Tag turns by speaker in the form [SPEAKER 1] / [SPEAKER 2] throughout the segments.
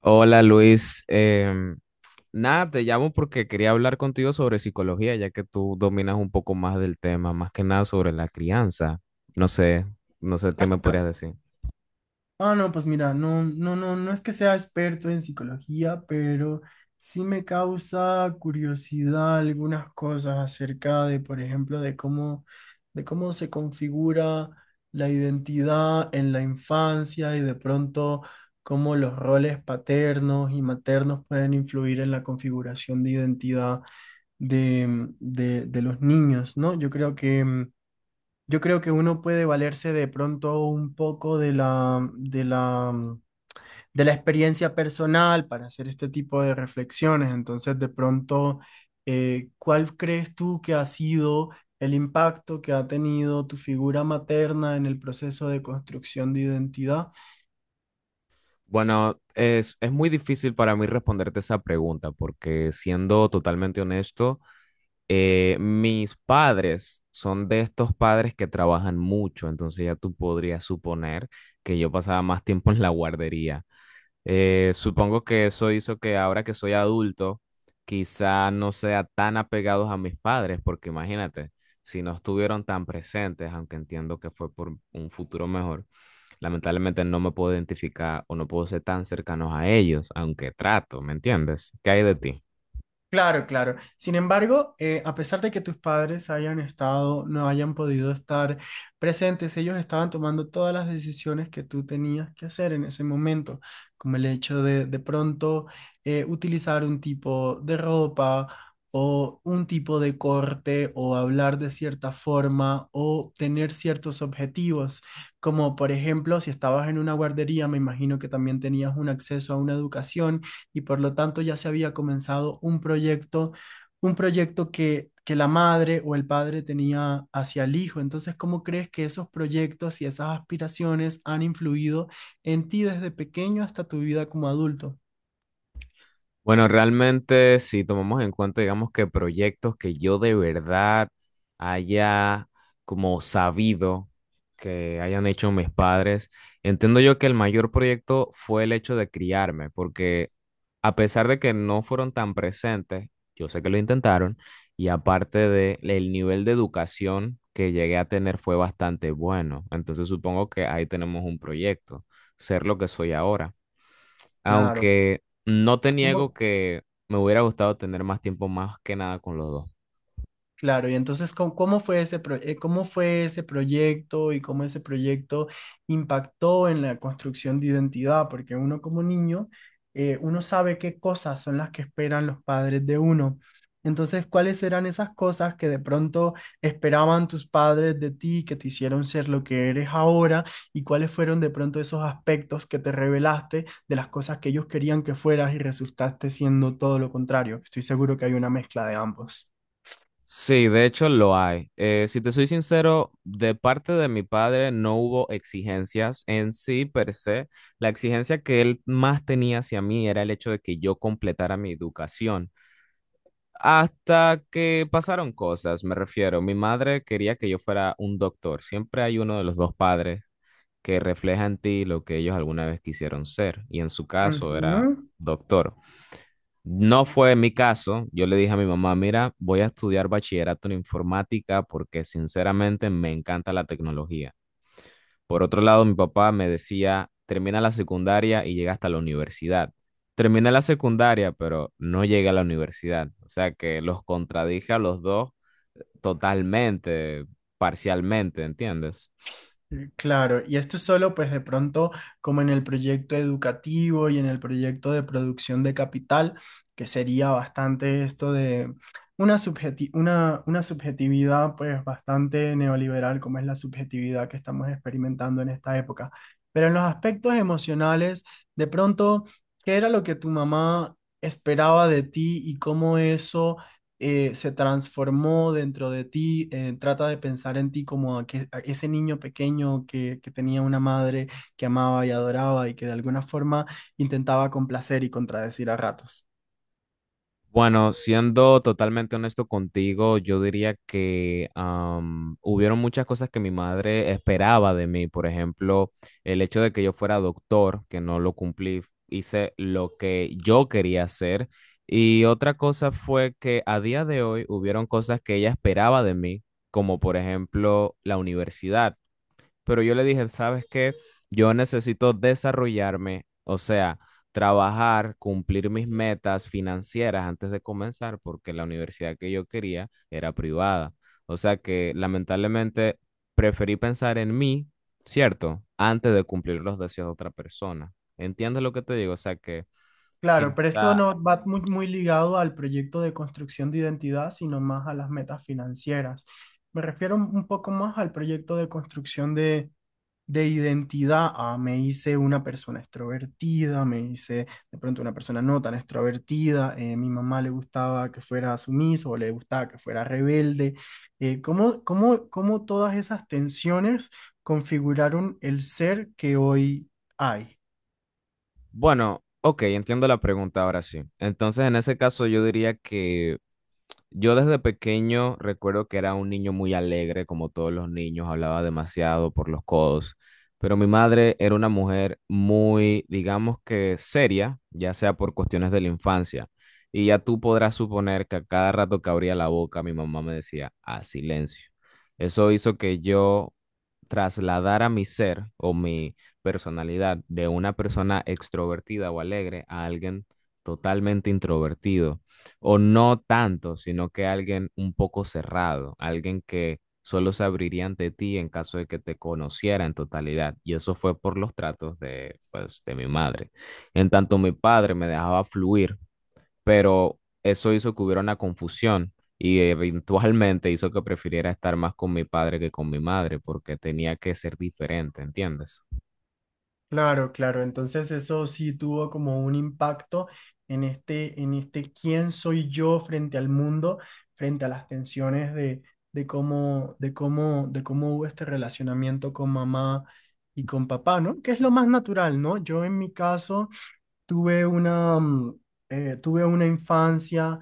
[SPEAKER 1] Hola Luis, nada, te llamo porque quería hablar contigo sobre psicología, ya que tú dominas un poco más del tema, más que nada sobre la crianza. No sé, no sé qué me podrías decir.
[SPEAKER 2] Ah, no, pues mira, no es que sea experto en psicología, pero sí me causa curiosidad algunas cosas acerca de, por ejemplo, de cómo se configura la identidad en la infancia y de pronto cómo los roles paternos y maternos pueden influir en la configuración de identidad de los niños, ¿no? Yo creo que yo creo que uno puede valerse de pronto un poco de la, de la experiencia personal para hacer este tipo de reflexiones. Entonces, de pronto, ¿cuál crees tú que ha sido el impacto que ha tenido tu figura materna en el proceso de construcción de identidad?
[SPEAKER 1] Bueno, es muy difícil para mí responderte esa pregunta, porque siendo totalmente honesto, mis padres son de estos padres que trabajan mucho, entonces ya tú podrías suponer que yo pasaba más tiempo en la guardería. Supongo que eso hizo que ahora que soy adulto, quizá no sea tan apegados a mis padres, porque imagínate, si no estuvieron tan presentes, aunque entiendo que fue por un futuro mejor, lamentablemente no me puedo identificar o no puedo ser tan cercanos a ellos, aunque trato, ¿me entiendes? ¿Qué hay de ti?
[SPEAKER 2] Claro, claro. Sin embargo, a pesar de que tus padres hayan estado, no hayan podido estar presentes, ellos estaban tomando todas las decisiones que tú tenías que hacer en ese momento, como el hecho de pronto utilizar un tipo de ropa o un tipo de corte o hablar de cierta forma o tener ciertos objetivos, como por ejemplo, si estabas en una guardería, me imagino que también tenías un acceso a una educación y por lo tanto ya se había comenzado un proyecto que la madre o el padre tenía hacia el hijo. Entonces, ¿cómo crees que esos proyectos y esas aspiraciones han influido en ti desde pequeño hasta tu vida como adulto?
[SPEAKER 1] Bueno, realmente si tomamos en cuenta, digamos que proyectos que yo de verdad haya como sabido que hayan hecho mis padres, entiendo yo que el mayor proyecto fue el hecho de criarme, porque a pesar de que no fueron tan presentes, yo sé que lo intentaron, y aparte de el nivel de educación que llegué a tener fue bastante bueno, entonces supongo que ahí tenemos un proyecto, ser lo que soy ahora
[SPEAKER 2] Claro.
[SPEAKER 1] aunque no te niego
[SPEAKER 2] ¿Cómo?
[SPEAKER 1] que me hubiera gustado tener más tiempo más que nada con los dos.
[SPEAKER 2] Claro, y entonces, ¿cómo, cómo fue ese cómo fue ese proyecto y cómo ese proyecto impactó en la construcción de identidad? Porque uno como niño, uno sabe qué cosas son las que esperan los padres de uno. Entonces, ¿cuáles eran esas cosas que de pronto esperaban tus padres de ti, que te hicieron ser lo que eres ahora? ¿Y cuáles fueron de pronto esos aspectos que te revelaste de las cosas que ellos querían que fueras y resultaste siendo todo lo contrario? Estoy seguro que hay una mezcla de ambos.
[SPEAKER 1] Sí, de hecho lo hay. Si te soy sincero, de parte de mi padre no hubo exigencias en sí per se. La exigencia que él más tenía hacia mí era el hecho de que yo completara mi educación. Hasta que pasaron cosas, me refiero. Mi madre quería que yo fuera un doctor. Siempre hay uno de los dos padres que refleja en ti lo que ellos alguna vez quisieron ser, y en su caso era
[SPEAKER 2] Ujú.
[SPEAKER 1] doctor. No fue mi caso, yo le dije a mi mamá, mira, voy a estudiar bachillerato en informática porque sinceramente me encanta la tecnología. Por otro lado, mi papá me decía, termina la secundaria y llega hasta la universidad. Terminé la secundaria, pero no llegué a la universidad. O sea que los contradije a los dos totalmente, parcialmente, ¿entiendes?
[SPEAKER 2] Claro, y esto es solo pues de pronto como en el proyecto educativo y en el proyecto de producción de capital, que sería bastante esto de una subjetividad pues bastante neoliberal como es la subjetividad que estamos experimentando en esta época. Pero en los aspectos emocionales, de pronto, ¿qué era lo que tu mamá esperaba de ti y cómo eso se transformó dentro de ti? Trata de pensar en ti como a que, a ese niño pequeño que tenía una madre que amaba y adoraba y que de alguna forma intentaba complacer y contradecir a ratos.
[SPEAKER 1] Bueno, siendo totalmente honesto contigo, yo diría que hubieron muchas cosas que mi madre esperaba de mí. Por ejemplo, el hecho de que yo fuera doctor, que no lo cumplí, hice lo que yo quería hacer. Y otra cosa fue que a día de hoy hubieron cosas que ella esperaba de mí, como por ejemplo la universidad, pero yo le dije, ¿sabes qué? Yo necesito desarrollarme, o sea, trabajar, cumplir mis metas financieras antes de comenzar, porque la universidad que yo quería era privada. O sea que lamentablemente preferí pensar en mí, ¿cierto? Antes de cumplir los deseos de otra persona. ¿Entiendes lo que te digo? O sea que
[SPEAKER 2] Claro, pero esto
[SPEAKER 1] quizá,
[SPEAKER 2] no va muy, muy ligado al proyecto de construcción de identidad, sino más a las metas financieras. Me refiero un poco más al proyecto de construcción de identidad. Ah, me hice una persona extrovertida, me hice de pronto una persona no tan extrovertida, mi mamá le gustaba que fuera sumiso o le gustaba que fuera rebelde. ¿Cómo todas esas tensiones configuraron el ser que hoy hay?
[SPEAKER 1] bueno, ok, entiendo la pregunta ahora sí. Entonces, en ese caso, yo diría que yo desde pequeño recuerdo que era un niño muy alegre, como todos los niños, hablaba demasiado por los codos, pero mi madre era una mujer muy, digamos que seria, ya sea por cuestiones de la infancia. Y ya tú podrás suponer que a cada rato que abría la boca, mi mamá me decía, a silencio. Eso hizo que yo trasladara mi ser o mi personalidad de una persona extrovertida o alegre a alguien totalmente introvertido o no tanto, sino que alguien un poco cerrado, alguien que solo se abriría ante ti en caso de que te conociera en totalidad. Y eso fue por los tratos de, pues, de mi madre. En tanto, mi padre me dejaba fluir, pero eso hizo que hubiera una confusión y eventualmente hizo que prefiriera estar más con mi padre que con mi madre porque tenía que ser diferente, ¿entiendes?
[SPEAKER 2] Claro, claro. Entonces eso sí tuvo como un impacto en este quién soy yo frente al mundo, frente a las tensiones de, de cómo hubo este relacionamiento con mamá y con papá, ¿no? Que es lo más natural, ¿no? Yo en mi caso tuve una, tuve una infancia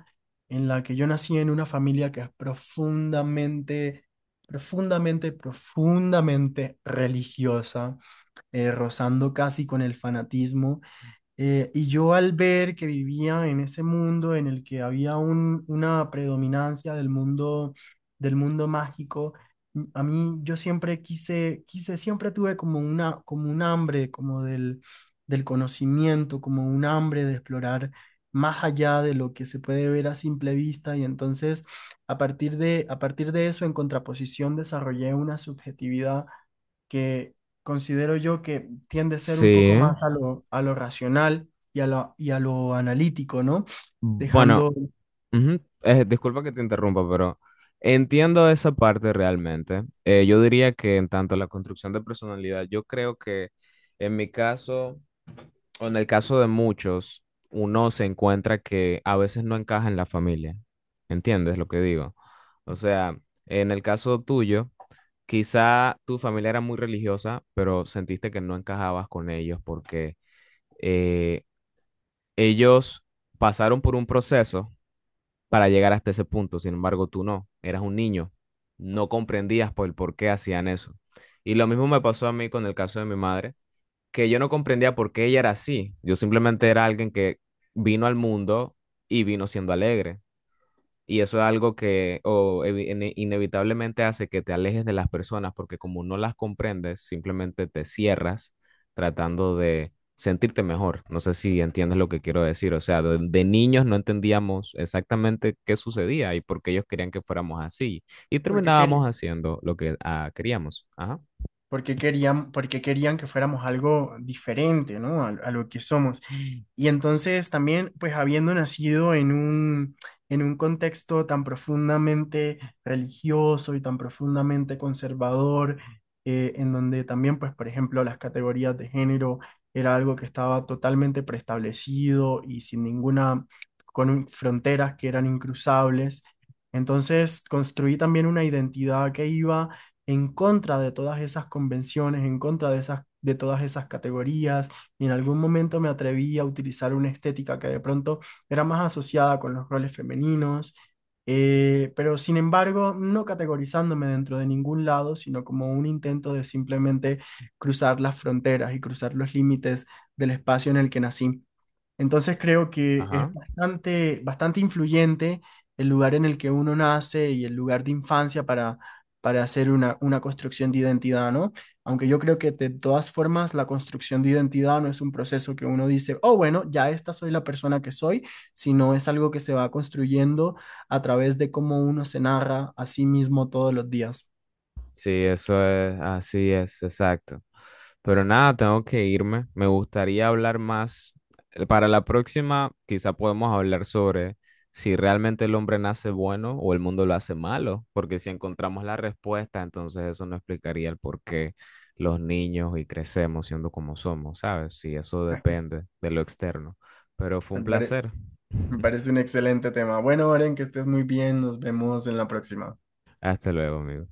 [SPEAKER 2] en la que yo nací en una familia que es profundamente, profundamente religiosa, rozando casi con el fanatismo. Y yo al ver que vivía en ese mundo en el que había una predominancia del mundo mágico, a mí yo siempre siempre tuve como una, como un hambre, como del, del conocimiento, como un hambre de explorar más allá de lo que se puede ver a simple vista. Y entonces, a partir de eso, en contraposición, desarrollé una subjetividad que, considero yo que tiende a ser un
[SPEAKER 1] Sí.
[SPEAKER 2] poco más a lo racional y a lo analítico, ¿no?
[SPEAKER 1] Bueno,
[SPEAKER 2] Dejando...
[SPEAKER 1] ujú. Disculpa que te interrumpa, pero entiendo esa parte realmente. Yo diría que en tanto la construcción de personalidad, yo creo que en mi caso, o en el caso de muchos, uno se encuentra que a veces no encaja en la familia. ¿Entiendes lo que digo? O sea, en el caso tuyo, quizá tu familia era muy religiosa, pero sentiste que no encajabas con ellos porque eh, ellos pasaron por un proceso para llegar hasta ese punto. Sin embargo, tú no, eras un niño, no comprendías por el por qué hacían eso. Y lo mismo me pasó a mí con el caso de mi madre, que yo no comprendía por qué ella era así. Yo simplemente era alguien que vino al mundo y vino siendo alegre. Y eso es algo que inevitablemente hace que te alejes de las personas porque como no las comprendes, simplemente te cierras tratando de sentirte mejor. No sé si entiendes lo que quiero decir. O sea, de niños no entendíamos exactamente qué sucedía y por qué ellos querían que fuéramos así. Y
[SPEAKER 2] Porque quería,
[SPEAKER 1] terminábamos haciendo lo que queríamos. Ajá.
[SPEAKER 2] porque querían que fuéramos algo diferente, ¿no? A lo que somos. Y entonces también, pues habiendo nacido en un contexto tan profundamente religioso y tan profundamente conservador, en donde también, pues, por ejemplo, las categorías de género era algo que estaba totalmente preestablecido y sin ninguna, con fronteras que eran incruzables. Entonces construí también una identidad que iba en contra de todas esas convenciones, en contra de esas, de todas esas categorías, y en algún momento me atreví a utilizar una estética que de pronto era más asociada con los roles femeninos, pero sin embargo, no categorizándome dentro de ningún lado, sino como un intento de simplemente cruzar las fronteras y cruzar los límites del espacio en el que nací. Entonces creo que es
[SPEAKER 1] Ajá.
[SPEAKER 2] bastante, bastante influyente el lugar en el que uno nace y el lugar de infancia para hacer una construcción de identidad, ¿no? Aunque yo creo que de todas formas la construcción de identidad no es un proceso que uno dice, oh, bueno, ya esta soy la persona que soy, sino es algo que se va construyendo a través de cómo uno se narra a sí mismo todos los días.
[SPEAKER 1] Sí, eso es, así es, exacto. Pero nada, tengo que irme. Me gustaría hablar más. Para la próxima, quizá podemos hablar sobre si realmente el hombre nace bueno o el mundo lo hace malo, porque si encontramos la respuesta, entonces eso no explicaría el por qué los niños y crecemos siendo como somos, ¿sabes? Si eso depende de lo externo. Pero fue
[SPEAKER 2] Me
[SPEAKER 1] un
[SPEAKER 2] pare-
[SPEAKER 1] placer.
[SPEAKER 2] me parece un excelente tema. Bueno, Oren, que estés muy bien. Nos vemos en la próxima.
[SPEAKER 1] Hasta luego, amigo.